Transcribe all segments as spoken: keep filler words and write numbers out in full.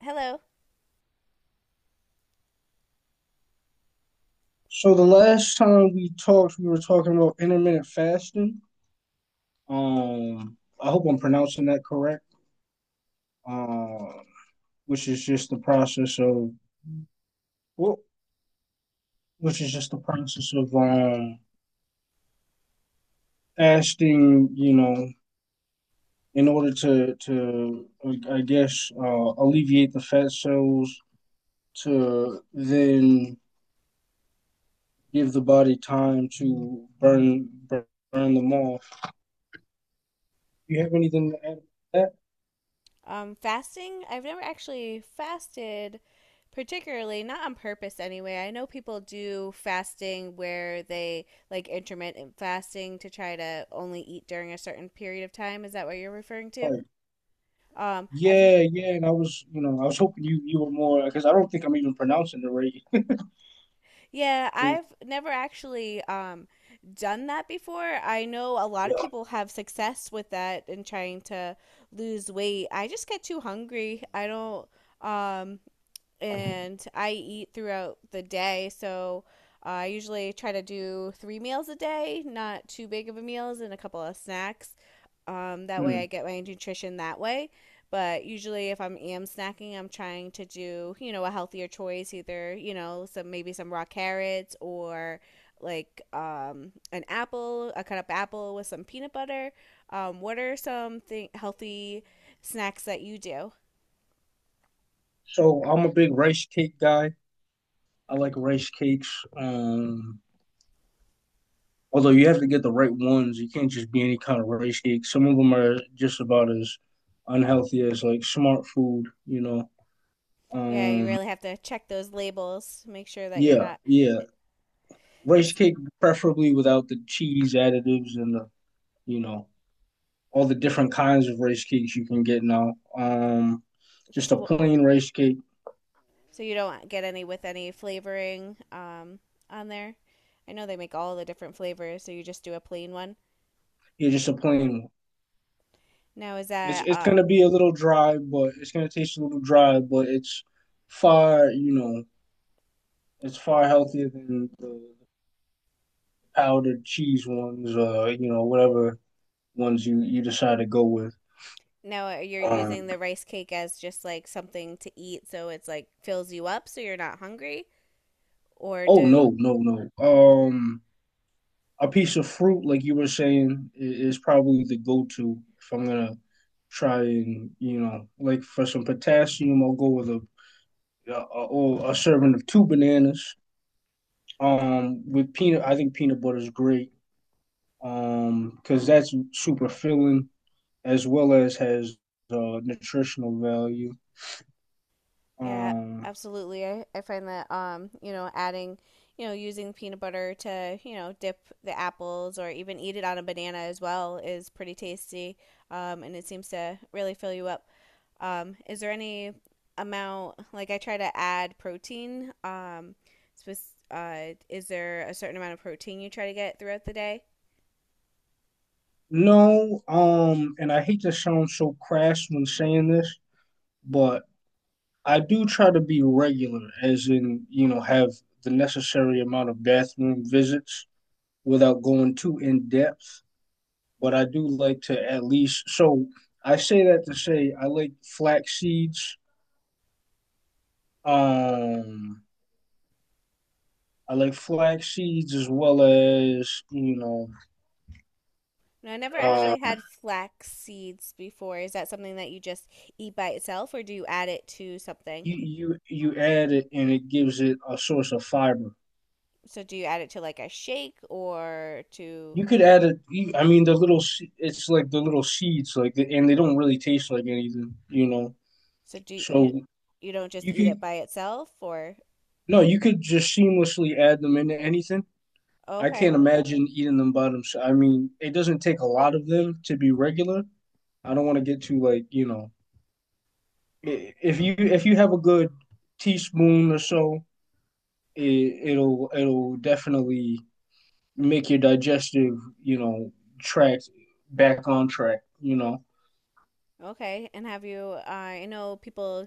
Hello. So the last time we talked, we were talking about intermittent fasting. Um, I hope I'm pronouncing that correct. Um, which is just the process of well, which is just the process of um fasting. You know, in order to to I guess uh, alleviate the fat cells to then give the body time to burn burn them off. Do you have anything to add to that? Um, fasting? I've never actually fasted particularly, not on purpose anyway. I know people do fasting where they like intermittent fasting to try to only eat during a certain period of time. Is that what you're referring to? Like, Um, I've Yeah, yeah, and I was, you know, I was hoping you you were more because I don't think I'm even pronouncing it right. Yeah, I've never actually um done that before. I know a lot of Yeah. people have success with that in trying to lose weight. I just get too hungry. I don't um and I eat throughout the day. So uh, I usually try to do three meals a day, not too big of a meals, and a couple of snacks. Um, that way, Mm. I get my nutrition that way. But usually, if I'm snacking, I'm trying to do you know a healthier choice, either you know some maybe some raw carrots or like um, an apple, a cut up apple with some peanut butter. Um, what are some th- healthy snacks that you do? So I'm a big rice cake guy. I like rice cakes. Um, although you have to get the right ones. You can't just be any kind of rice cake. Some of them are just about as unhealthy as like smart food, you know. Yeah, you Um, really have to check those labels, make sure that you're yeah, not yeah. eh, Rice cake preferably without the cheese additives and the, you know, all the different kinds of rice cakes you can get now. Um, just a so plain rice cake. so you don't get any with any flavoring um on there. I know they make all the different flavors, so you just do a plain one. Yeah, just a plain. One. Now is It's that it's uh gonna be a little dry, but it's gonna taste a little dry, but it's far you know it's far healthier than the powdered cheese ones or you know whatever ones you you decide to go with. now uh, You're Um, using the rice cake as just like something to eat, so it's like fills you up so you're not hungry, or oh, do no no no. Um, A piece of fruit, like you were saying, is probably the go-to if I'm gonna try and you know, like for some potassium, I'll go with a a, a, a serving of two bananas. Um, with peanut, I think peanut butter is great. Um, because that's super filling as well as has uh, nutritional value. Yeah, Um, absolutely. I, I find that um, you know, adding, you know, using peanut butter to, you know, dip the apples or even eat it on a banana as well is pretty tasty. Um, and it seems to really fill you up. Um, is there any amount like I try to add protein? Um, spec- uh, is there a certain amount of protein you try to get throughout the day? no, um, and I hate to sound so crass when saying this, but I do try to be regular, as in, you know, have the necessary amount of bathroom visits without going too in depth. But I do like to at least, so I say that to say I like flax seeds. Um, I like flax seeds as well as, you know, No, I never uh, actually had flax seeds before. Is that something that you just eat by itself or do you add it to something? you, you, you add it and it gives it a source of fiber. So do you add it to like a shake or to You could add it. I mean, the little. It's like the little seeds, like, and they don't really taste like anything, you know. so do So you you don't just You eat it could by itself or no, you could just seamlessly add them into anything. I okay. can't imagine eating them by themselves. I mean, it doesn't take a lot of them to be regular. I don't want to get too like, you know, i- if you if you have a good teaspoon or so, it, it'll it'll definitely make your digestive, you know, track back on track, you know, Okay. And have you uh, I know people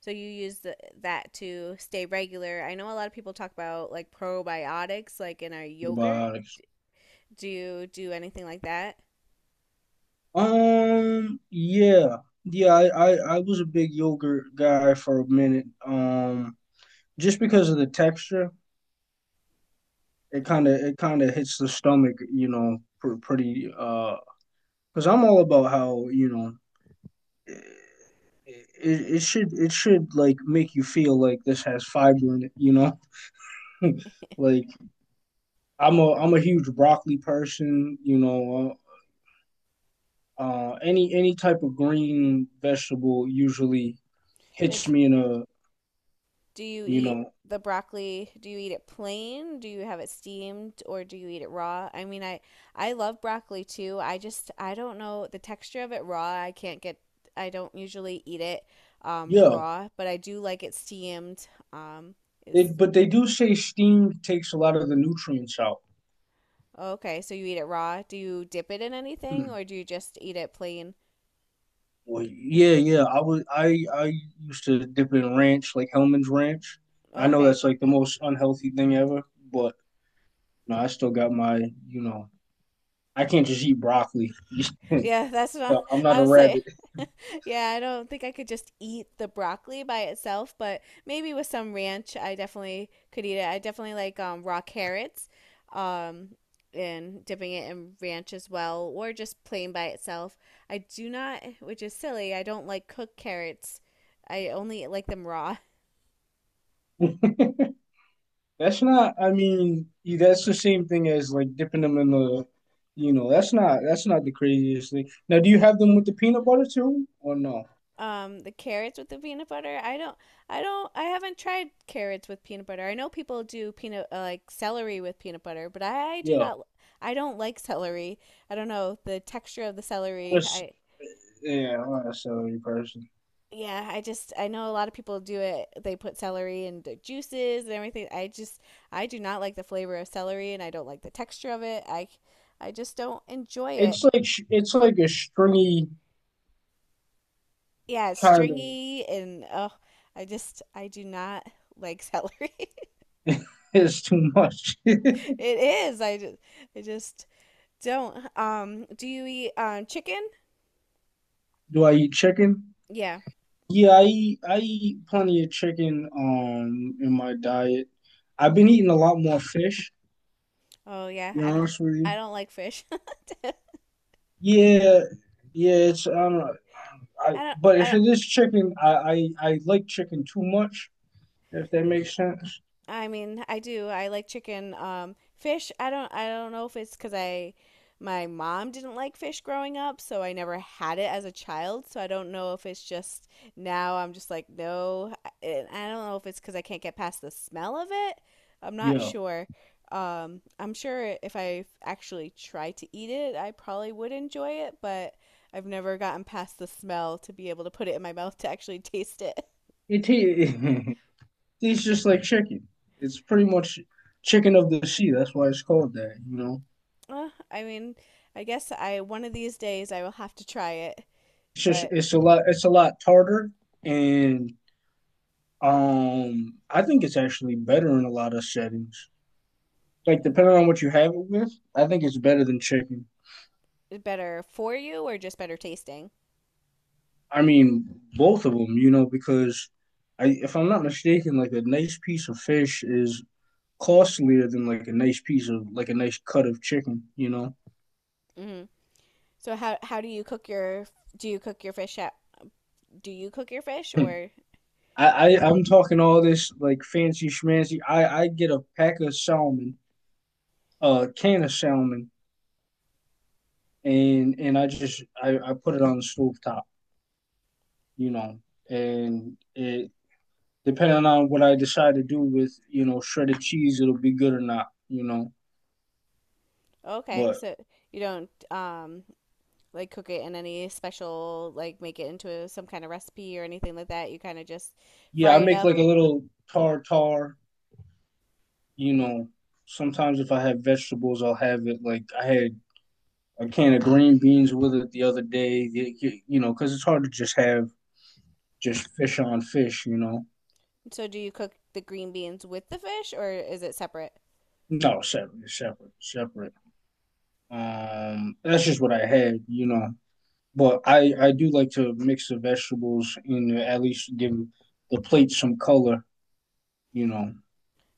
so you use the, that to stay regular. I know a lot of people talk about like probiotics like in our yogurt. Probiotics. Do you do anything like that? Um, yeah. Yeah, I, I I was a big yogurt guy for a minute. Um just because of the texture, it kind of it kind of hits the stomach, you know, pretty. Uh Because I'm all about how you know. It, it, it should it should like make you feel like this has fiber in it, you know. like I'm a I'm a huge broccoli person, you know. Uh, uh, any any type of green vegetable usually No. hits me in a Do you you eat know the broccoli? Do you eat it plain? Do you have it steamed or do you eat it raw? I mean, I I love broccoli too. I just I don't know the texture of it raw. I can't get I don't usually eat it um yeah. raw, but I do like it steamed. Um is It, but they do say steam takes a lot of the nutrients out. Okay, so you eat it raw. Do you dip it in anything Hmm. or do you just eat it plain? Well, yeah, yeah. I was I I used to dip in ranch, like Hellman's Ranch. I know Okay. that's like the most unhealthy thing ever, but no, I still got my, you know, I can't just eat broccoli. Yeah, that's not No, I'm not a I'm saying rabbit. yeah, I don't think I could just eat the broccoli by itself, but maybe with some ranch, I definitely could eat it. I definitely like um, raw carrots um, and dipping it in ranch as well, or just plain by itself. I do not, which is silly, I don't like cooked carrots. I only like them raw. That's not. I mean, yeah, that's the same thing as like dipping them in the, you know, that's not that's not the craziest thing. Now, do you have them with the peanut butter too, or no? Um the carrots with the peanut butter. I don't I don't I haven't tried carrots with peanut butter. I know people do peanut uh, like celery with peanut butter, but I do Yeah, not I don't like celery. I don't know the texture of the celery. That's- I yeah. I'm not a celery person. yeah, I just I know a lot of people do it. They put celery in their juices and everything. I just I do not like the flavor of celery and I don't like the texture of it. I I just don't enjoy It's it. like sh- it's like a stringy Yeah, it's kind of stringy and oh, I just I do not like celery. It's too much. Do It is. I just, I just don't. Um, do you eat um chicken? I eat chicken? Yeah. Yeah, I eat, I eat plenty of chicken um in my diet. I've been eating a lot more fish, Oh to yeah. be I don't. honest with I you. don't like fish. Yeah, yeah, it's I don't know. I, I don't. but if I it is chicken, I, I I like chicken too much, if that makes sense. I mean, I do. I like chicken. Um, fish. I don't. I don't know if it's because I, My mom didn't like fish growing up, so I never had it as a child. So I don't know if it's just now I'm just like no. I, I don't know if it's because I can't get past the smell of it. I'm not Yeah. sure. Um, I'm sure if I actually tried to eat it, I probably would enjoy it, but I've never gotten past the smell to be able to put it in my mouth to actually taste it. It ta- tastes just like chicken. It's pretty much chicken of the sea. That's why it's called that, you know. Uh, I mean, I guess I one of these days I will have to try it, It's just but it's a lot it's a lot tartar and Um, I think it's actually better in a lot of settings. Like depending on what you have it with, I think it's better than chicken. better for you or just better tasting. I mean, both of them, you know, because I, if I'm not mistaken, like a nice piece of fish is costlier than like a nice piece of like a nice cut of chicken, you know. Hmm. So how how do you cook your do you cook your fish at do you cook your fish I, or I I'm talking all this like fancy schmancy. I I get a pack of salmon, a can of salmon, and and I just I I put it on the stove top, you know, and it depending on what I decide to do with, you know, shredded cheese, it'll be good or not, you know. okay, But so you don't um like cook it in any special like make it into some kind of recipe or anything like that. You kind of just yeah, fry I it make up. like a little tartar, you know. Sometimes if I have vegetables, I'll have it. Like I had a can of green beans with it the other day, you know, because it's hard to just have just fish on fish, you know. So do you cook the green beans with the fish or is it separate? No, separate, separate, separate. Um, that's just what I had, you know. But I I do like to mix the vegetables and at least give the plate some color, you know.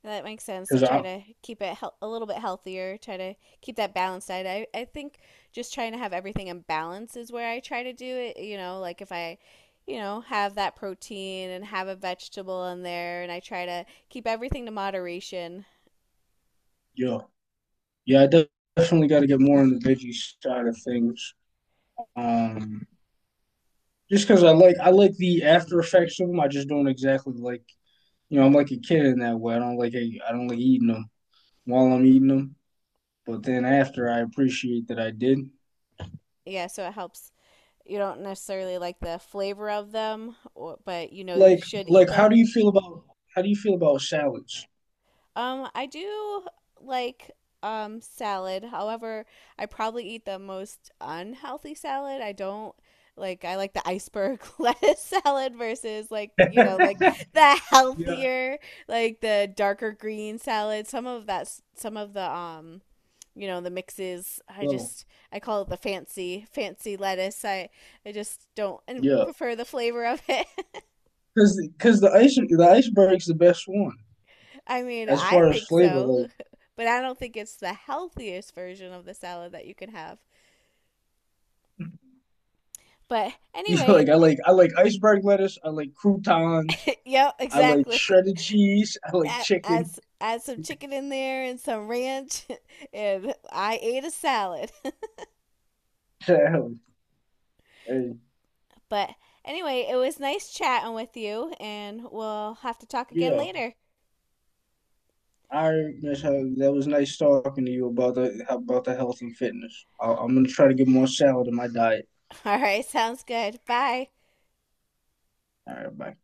That makes sense to Because try I, to keep it hel- a little bit healthier, try to keep that balance diet. I, I think just trying to have everything in balance is where I try to do it. You know, like if I, you know, have that protein and have a vegetable in there, and I try to keep everything to moderation. yeah, yeah, I definitely got to get more on the veggie side of things. Um, just because I like, I like the after effects of them. I just don't exactly like, you know, I'm like a kid in that way. I don't like, I don't like eating them while I'm eating them. But then after, I appreciate that I did. Yeah, so it helps. You don't necessarily like the flavor of them, or, but you know you Like, should eat like, them. how do you feel about how do you feel about salads? Um, I do like um salad. However, I probably eat the most unhealthy salad. I don't like I like the iceberg lettuce salad versus like the you know like the Yeah, healthier like the darker green salad. Some of that s- some of the um you know the mixes I well, just I call it the fancy fancy lettuce. I I just don't and yeah, prefer the flavor of it. because because the ice the iceberg's the best one I mean, as I far as think flavor. so, Like, but I don't think it's the healthiest version of the salad that you can have. But you anyway, like I like I like iceberg lettuce. I like croutons. yep, I like exactly. shredded cheese. I like Add, add, chicken. S- add some chicken in there and some ranch, and I ate a salad. and But anyway, it was nice chatting with you, and we'll have to talk again yeah, later. I miss how that was nice talking to you about the about the health and fitness. I, I'm gonna try to get more salad in my diet. All right, sounds good. Bye. All right, bye.